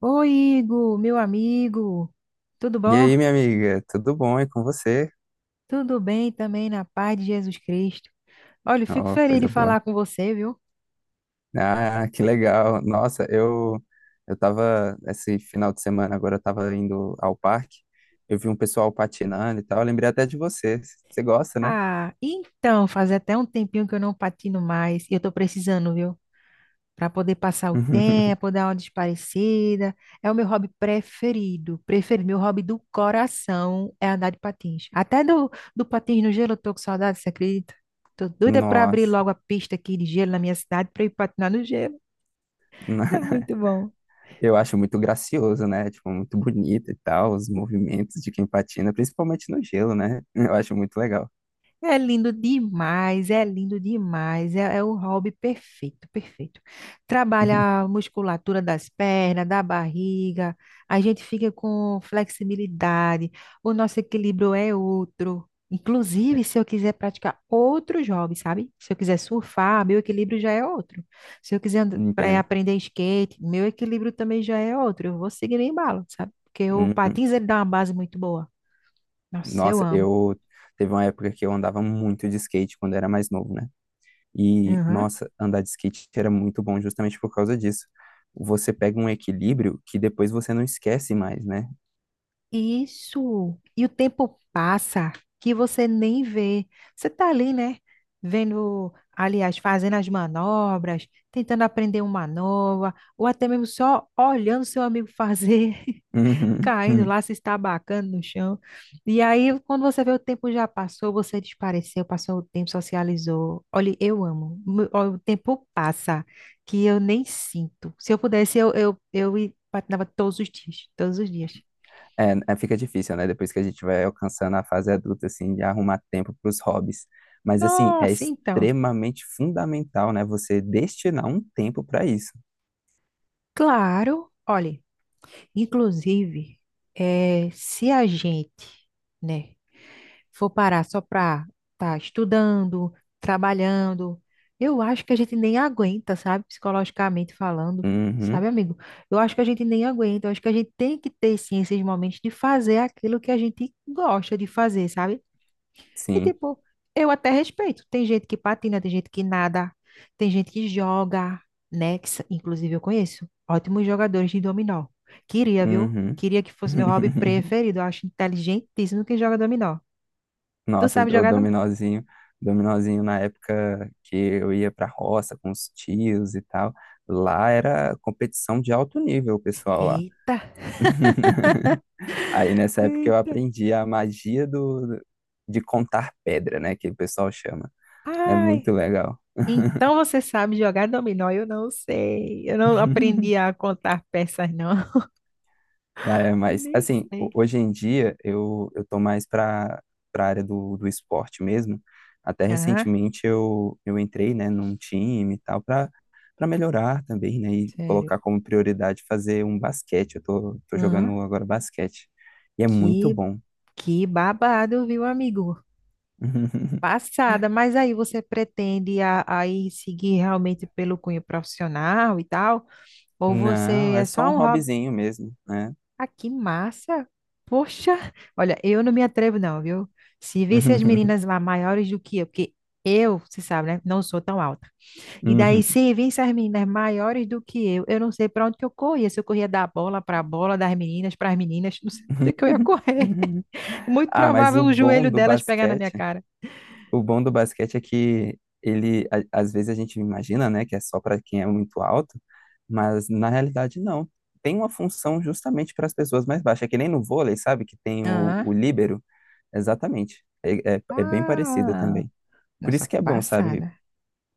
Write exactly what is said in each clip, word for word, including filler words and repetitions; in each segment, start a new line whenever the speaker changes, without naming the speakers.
Oi, Igor, meu amigo. Tudo
E
bom?
aí, minha amiga, tudo bom? E com você?
Tudo bem também, na paz de Jesus Cristo. Olha, eu fico
Ó,
feliz de
coisa boa.
falar com você, viu?
Ah, que legal. Nossa, eu eu tava esse final de semana agora, eu tava indo ao parque. Eu vi um pessoal patinando e tal, eu lembrei até de você. Você gosta, né?
Ah, então, faz até um tempinho que eu não patino mais e eu tô precisando, viu? Para poder passar o tempo, dar uma desaparecida. É o meu hobby preferido, preferido. Meu hobby do coração é andar de patins. Até do, do patins no gelo eu tô com saudade, você acredita? Tô doida para abrir
Nossa.
logo a pista aqui de gelo na minha cidade para ir patinar no gelo. É muito bom.
Eu acho muito gracioso, né? Tipo, muito bonito e tal, os movimentos de quem patina, principalmente no gelo, né? Eu acho muito legal.
É lindo demais, é lindo demais, é, é o hobby perfeito, perfeito. Trabalha a musculatura das pernas, da barriga, a gente fica com flexibilidade, o nosso equilíbrio é outro. Inclusive, se eu quiser praticar outros hobbies, sabe? Se eu quiser surfar, meu equilíbrio já é outro. Se eu quiser and- eh,
Entendo.
aprender skate, meu equilíbrio também já é outro. Eu vou seguir no embalo, sabe? Porque o
Uhum.
patins ele dá uma base muito boa. Nossa, eu
Nossa, eu teve uma época que eu andava muito de skate quando era mais novo, né? E,
amo.
nossa, andar de skate era muito bom justamente por causa disso. Você pega um equilíbrio que depois você não esquece mais, né?
Isso. E o tempo passa que você nem vê. Você tá ali, né? Vendo, aliás, fazendo as manobras, tentando aprender uma nova, ou até mesmo só olhando seu amigo fazer,
Uhum.
caindo lá, se estabacando no chão. E aí, quando você vê, o tempo já passou, você desapareceu, passou o tempo, socializou. Olha, eu amo. Mu- ó, o tempo passa que eu nem sinto. Se eu pudesse, eu, eu, eu i- patinava todos os dias, todos os dias.
É, é, fica difícil, né? Depois que a gente vai alcançando a fase adulta, assim, de arrumar tempo para os hobbies. Mas, assim, é
Nossa, então,
extremamente fundamental, né? Você destinar um tempo para isso.
claro, olha, inclusive, eh, se a gente, né, for parar só para estar estudando, trabalhando, eu acho que a gente nem aguenta, sabe, psicologicamente falando, sabe,
Uhum,
amigo? Eu acho que a gente nem aguenta, eu acho que a gente tem que ter sim esses momentos de fazer aquilo que a gente gosta de fazer, sabe? E
sim.
tipo, eu até respeito. Tem gente que patina, tem gente que nada, tem gente que joga, né? Que, sa- inclusive eu conheço ótimos jogadores de dominó. Queria, viu?
Uhum.
Queria que fosse meu hobby preferido. Eu acho inteligentíssimo quem joga dominó. Tu
Nossa,
sabe
o
jogar dominó?
dominozinho, dominozinho na época que eu ia pra roça com os tios e tal, lá era competição de alto nível, o pessoal lá.
Eita,
Aí nessa época eu
eita.
aprendi a magia do de contar pedra, né, que o pessoal chama. É muito
Ai.
legal.
Então você sabe jogar dominó? Eu não sei. Eu não aprendi a contar peças, não.
É, mas,
Nem
assim, ho-
sei.
hoje em dia eu, eu tô mais para para área do, do esporte mesmo. Até
Ah,
recentemente eu, eu entrei, né, num time e tal, para para melhorar também, né, e
sério.
colocar como prioridade fazer um basquete. Eu tô, tô
Aham.
jogando agora basquete. E é muito
Que,
bom.
que babado, viu, amigo? Passada, mas aí você pretende a- a ir seguir realmente pelo cunho profissional e tal? Ou
Não,
você
é
é
só
só
um
um hobby?
hobbyzinho mesmo, né?
Ah, que massa! Poxa, olha, eu não me atrevo, não, viu? Se visse as meninas lá maiores do que eu, porque eu, você sabe, né? Não sou tão alta. E daí,
Uhum.
se visse as meninas maiores do que eu, eu não sei para onde que eu corria. Se eu corria da bola para a bola, das meninas para as meninas, não sei para onde que eu ia correr. Muito
Ah, mas
provável
o
o
bom
joelho
do
delas pegar na minha
basquete
cara.
o bom do basquete é que ele, a- às vezes a gente imagina, né, que é só para quem é muito alto, mas na realidade não. Tem uma função justamente para as pessoas mais baixas, é que nem no vôlei, sabe, que tem o,
Aham.
o líbero, exatamente. É, é, é bem parecido
Ah.
também. Por
Nossa,
isso que é bom, sabe?
passada.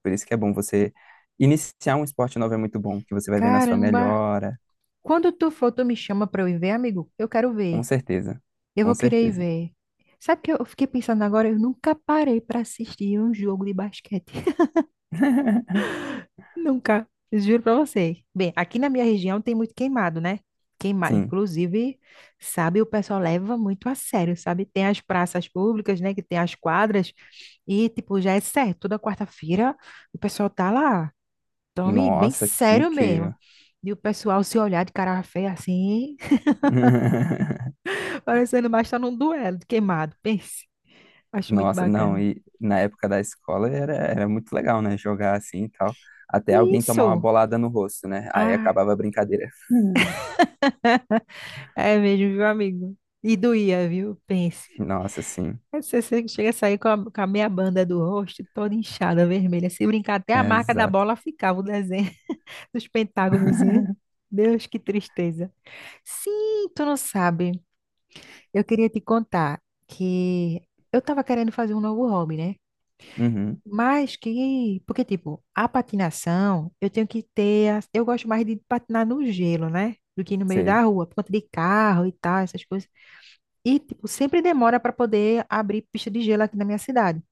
Por isso que é bom você iniciar um esporte novo, é muito bom, que você vai ver na sua
Caramba!
melhora,
Quando tu for, tu me chama pra eu ir ver, amigo? Eu quero
com
ver.
certeza,
Eu
com
vou querer ir
certeza.
ver. Sabe o que eu fiquei pensando agora? Eu nunca parei pra assistir um jogo de basquete. Nunca. Juro pra você. Bem, aqui na minha região tem muito queimado, né? Queimado.
Sim.
Inclusive, sabe, o pessoal leva muito a sério, sabe? Tem as praças públicas, né? Que tem as quadras. E, tipo, já é certo. Toda quarta-feira o pessoal tá lá. Tome bem
Nossa, que
sério mesmo.
incrível.
E o pessoal se olhar de cara feia assim, parecendo mais estar num duelo de queimado. Pense. Acho muito
Nossa, não,
bacana.
e na época da escola era, era muito legal, né? Jogar assim e tal. Até alguém tomar uma
Isso.
bolada no rosto, né? Aí
Ah,
acabava a brincadeira.
é mesmo, viu, amigo? E doía, viu? Pense.
Nossa, sim.
Aí você você chega a sair com a, com a meia banda do rosto toda inchada, vermelha. Se brincar, até a
É,
marca da
exato.
bola ficava o desenho dos pentágonos. Deus, que tristeza. Sim, tu não sabe. Eu queria te contar que eu tava querendo fazer um novo hobby, né?
Uhum,
Mas que, porque tipo, a patinação, eu tenho que ter, a- eu gosto mais de patinar no gelo, né? Do que no meio da
sei.
rua, por conta de carro e tal, essas coisas. E tipo, sempre demora para poder abrir pista de gelo aqui na minha cidade.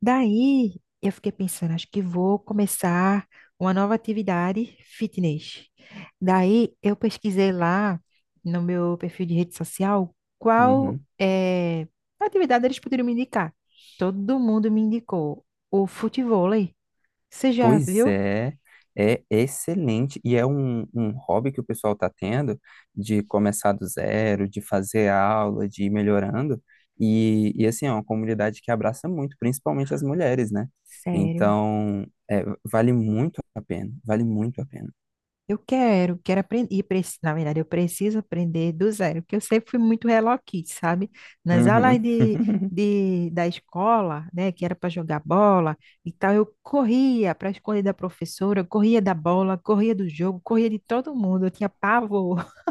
Daí eu fiquei pensando, acho que vou começar uma nova atividade fitness. Daí eu pesquisei lá no meu perfil de rede social qual
Uhum.
eh, atividade eles poderiam me indicar. Todo mundo me indicou o futevôlei. Você já
Pois
viu?
é, é excelente e é um, um hobby que o pessoal está tendo de começar do zero, de fazer aula, de ir melhorando. E, e assim, é uma comunidade que abraça muito, principalmente as mulheres, né?
Sério?
Então, é, vale muito a pena, vale muito a pena.
Eu quero, quero aprender. E, preci- na verdade, eu preciso aprender do zero, porque eu sempre fui muito Hello Kitty, sabe? Nas aulas
Uhum.
de, de, da escola, né, que era para jogar bola e tal, eu corria para esconder da professora, eu corria da bola, corria do jogo, corria de todo mundo. Eu tinha pavor.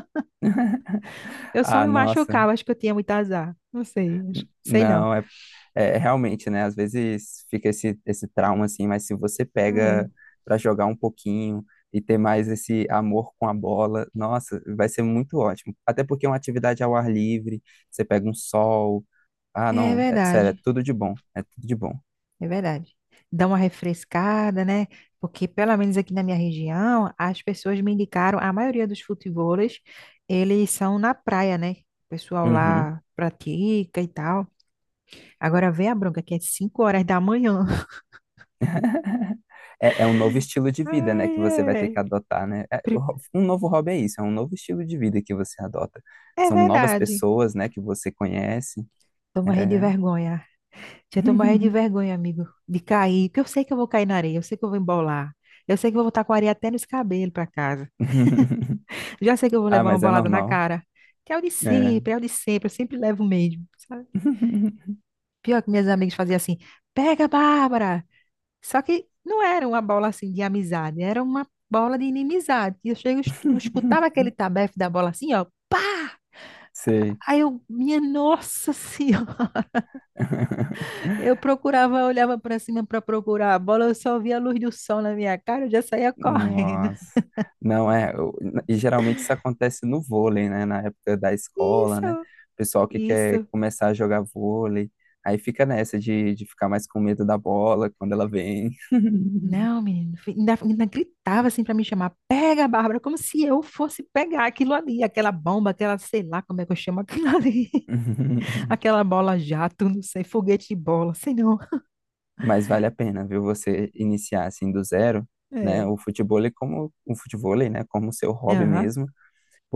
Eu só
Ah,
me
nossa.
machucava, acho que eu tinha muito azar. Não sei, acho- sei não.
Não, é, é realmente, né? Às vezes fica esse, esse trauma assim, mas se você pega
É,
para jogar um pouquinho e ter mais esse amor com a bola, nossa, vai ser muito ótimo. Até porque é uma atividade ao ar livre, você pega um sol. Ah,
é
não, é, sério, é
verdade.
tudo de bom, é tudo de bom.
É verdade. Dá uma refrescada, né? Porque, pelo menos aqui na minha região, as pessoas me indicaram, a maioria dos futebolistas, eles são na praia, né? O pessoal
Uhum.
lá pratica e tal. Agora vê a bronca, que é cinco horas da manhã.
É, é um novo estilo de vida, né,
Ai,
que você vai ter que
ai.
adotar, né? É, o
Pri-
ho- um novo hobby é isso, é um novo estilo de vida que você adota.
É
São novas
verdade.
pessoas, né, que você conhece.
Tô morrendo de
É.
vergonha. Já tô morrendo de vergonha, amigo, de cair. Porque eu sei que eu vou cair na areia, eu sei que eu vou embolar. Eu sei que eu vou estar com a areia até nos cabelos pra casa. Já sei que eu vou
Ah,
levar uma
mas é
bolada na
normal,
cara. Que é o de
né?
sempre, é o de sempre, eu sempre levo mesmo, sabe? Pior que minhas amigas faziam assim, pega, Bárbara! Só que não era uma bola assim de amizade, era uma bola de inimizade. E eu chego, es- eu escutava aquele tabefe da bola assim, ó.
Sei.
Aí eu, minha nossa senhora, eu procurava, olhava pra cima pra procurar a bola, eu só via a luz do sol na minha cara, eu já saía correndo.
Nossa. Não é, eu- E geralmente isso acontece no vôlei, né? Na época da escola, né?
Isso,
O pessoal que quer
isso.
começar a jogar vôlei, aí fica nessa de, de ficar mais com medo da bola quando ela vem.
Não, menino, fi- ainda, ainda gritava assim para me chamar, pega, Bárbara, como se eu fosse pegar aquilo ali, aquela bomba, aquela, sei lá como é que eu chamo aquilo ali, aquela bola jato, não sei, foguete de bola, sei não.
Mas vale a pena, viu? Você iniciar assim do zero, né?
É.
O futebol é como o futevôlei, né? Como seu hobby
Aham,
mesmo.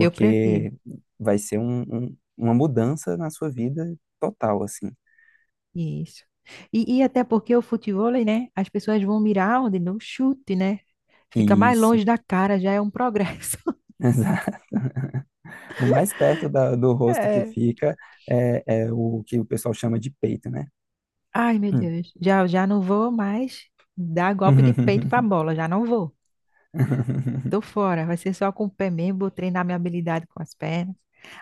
eu prefiro.
vai ser um- um- uma mudança na sua vida total, assim.
Isso. E, e até porque o futevôlei, né, as pessoas vão mirar onde? No chute, né? Fica mais
Isso,
longe da cara, já é um progresso.
exato. O mais perto da- do rosto que
É.
fica é, é o que o pessoal chama de peito, né?
Ai, meu
Hum.
Deus, já, já não vou mais dar golpe de peito para a bola, já não vou. Tô fora, vai ser só com o pé mesmo, vou treinar minha habilidade com as pernas.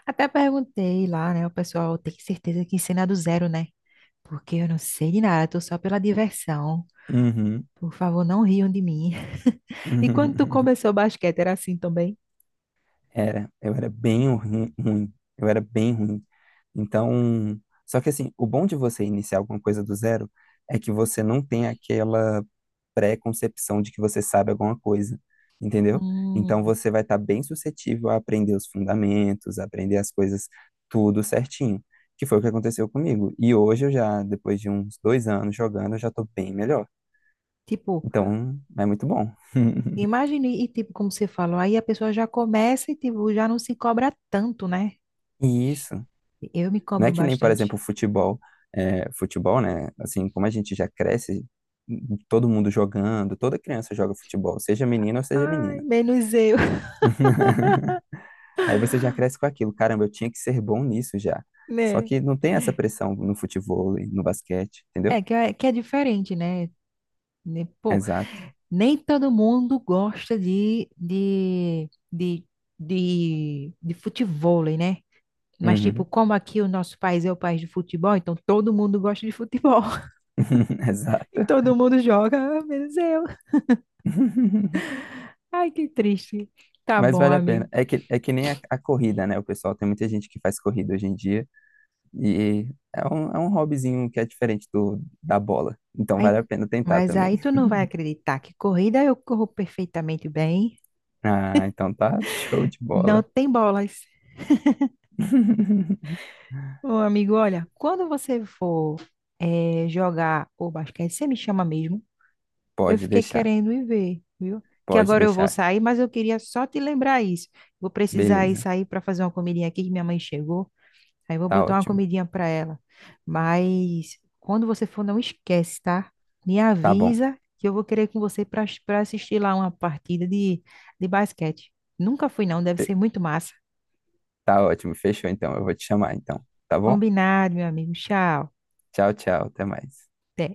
Até perguntei lá, né? O pessoal tem certeza que ensina do zero, né? Porque eu não sei de nada, tô só pela diversão.
Uhum.
Por favor, não riam de mim. E quando tu começou o basquete, era assim também?
Era, eu era bem ruim, ruim. eu era bem ruim. Então, só que assim, o bom de você iniciar alguma coisa do zero é que você não tem aquela pré-concepção de que você sabe alguma coisa, entendeu? Então
Hum,
você vai estar bem suscetível a aprender os fundamentos, a aprender as coisas tudo certinho, que foi o que aconteceu comigo. E hoje eu já, depois de uns dois anos jogando, eu já estou bem melhor.
tipo,
Então é muito bom.
imagine, e tipo, como você falou, aí a pessoa já começa e tipo, já não se cobra tanto, né?
E isso
Eu me
não
cobro
é que nem, por
bastante.
exemplo, futebol. É, futebol, né? Assim, como a gente já cresce, todo mundo jogando, toda criança joga futebol, seja menino ou seja
Ai,
menina.
menos eu,
Aí você já cresce com aquilo. Caramba, eu tinha que ser bom nisso já. Só
né?
que não tem essa pressão no futebol, no basquete, entendeu?
É que é, que é diferente, né? Né, pô,
Exato.
nem todo mundo gosta de, de, de, de, de futevôlei, né? Mas, tipo,
Uhum.
como aqui o nosso país é o país de futebol, então todo mundo gosta de futebol. E
Exato.
todo mundo joga, ah, menos eu. Ai, que triste. Tá
Mas
bom,
vale a
amigo.
pena. É que, é que nem a, a corrida, né? O pessoal tem muita gente que faz corrida hoje em dia e é um, é um hobbyzinho que é diferente do, da bola. Então
Aí,
vale a pena tentar
mas
também.
aí tu não vai acreditar que corrida eu corro perfeitamente bem.
Ah, então tá show de
Não
bola.
tem bolas. Ô, amigo, olha, quando você for eh, jogar o basquete, você me chama mesmo. Eu
Pode
fiquei
deixar,
querendo ir ver, viu? Que
pode
agora eu vou
deixar.
sair, mas eu queria só te lembrar isso. Vou precisar ir
Beleza,
sair para fazer uma comidinha aqui, que minha mãe chegou. Aí eu vou
tá
botar uma
ótimo.
comidinha para ela. Mas quando você for, não esquece, tá? Me
Tá bom.
avisa que eu vou querer ir com você para para assistir lá uma partida de, de basquete. Nunca fui, não. Deve ser muito massa.
Tá ótimo, fechou então. Eu vou te chamar então, tá bom?
Combinado, meu amigo. Tchau.
Tchau, tchau, até mais.
Até.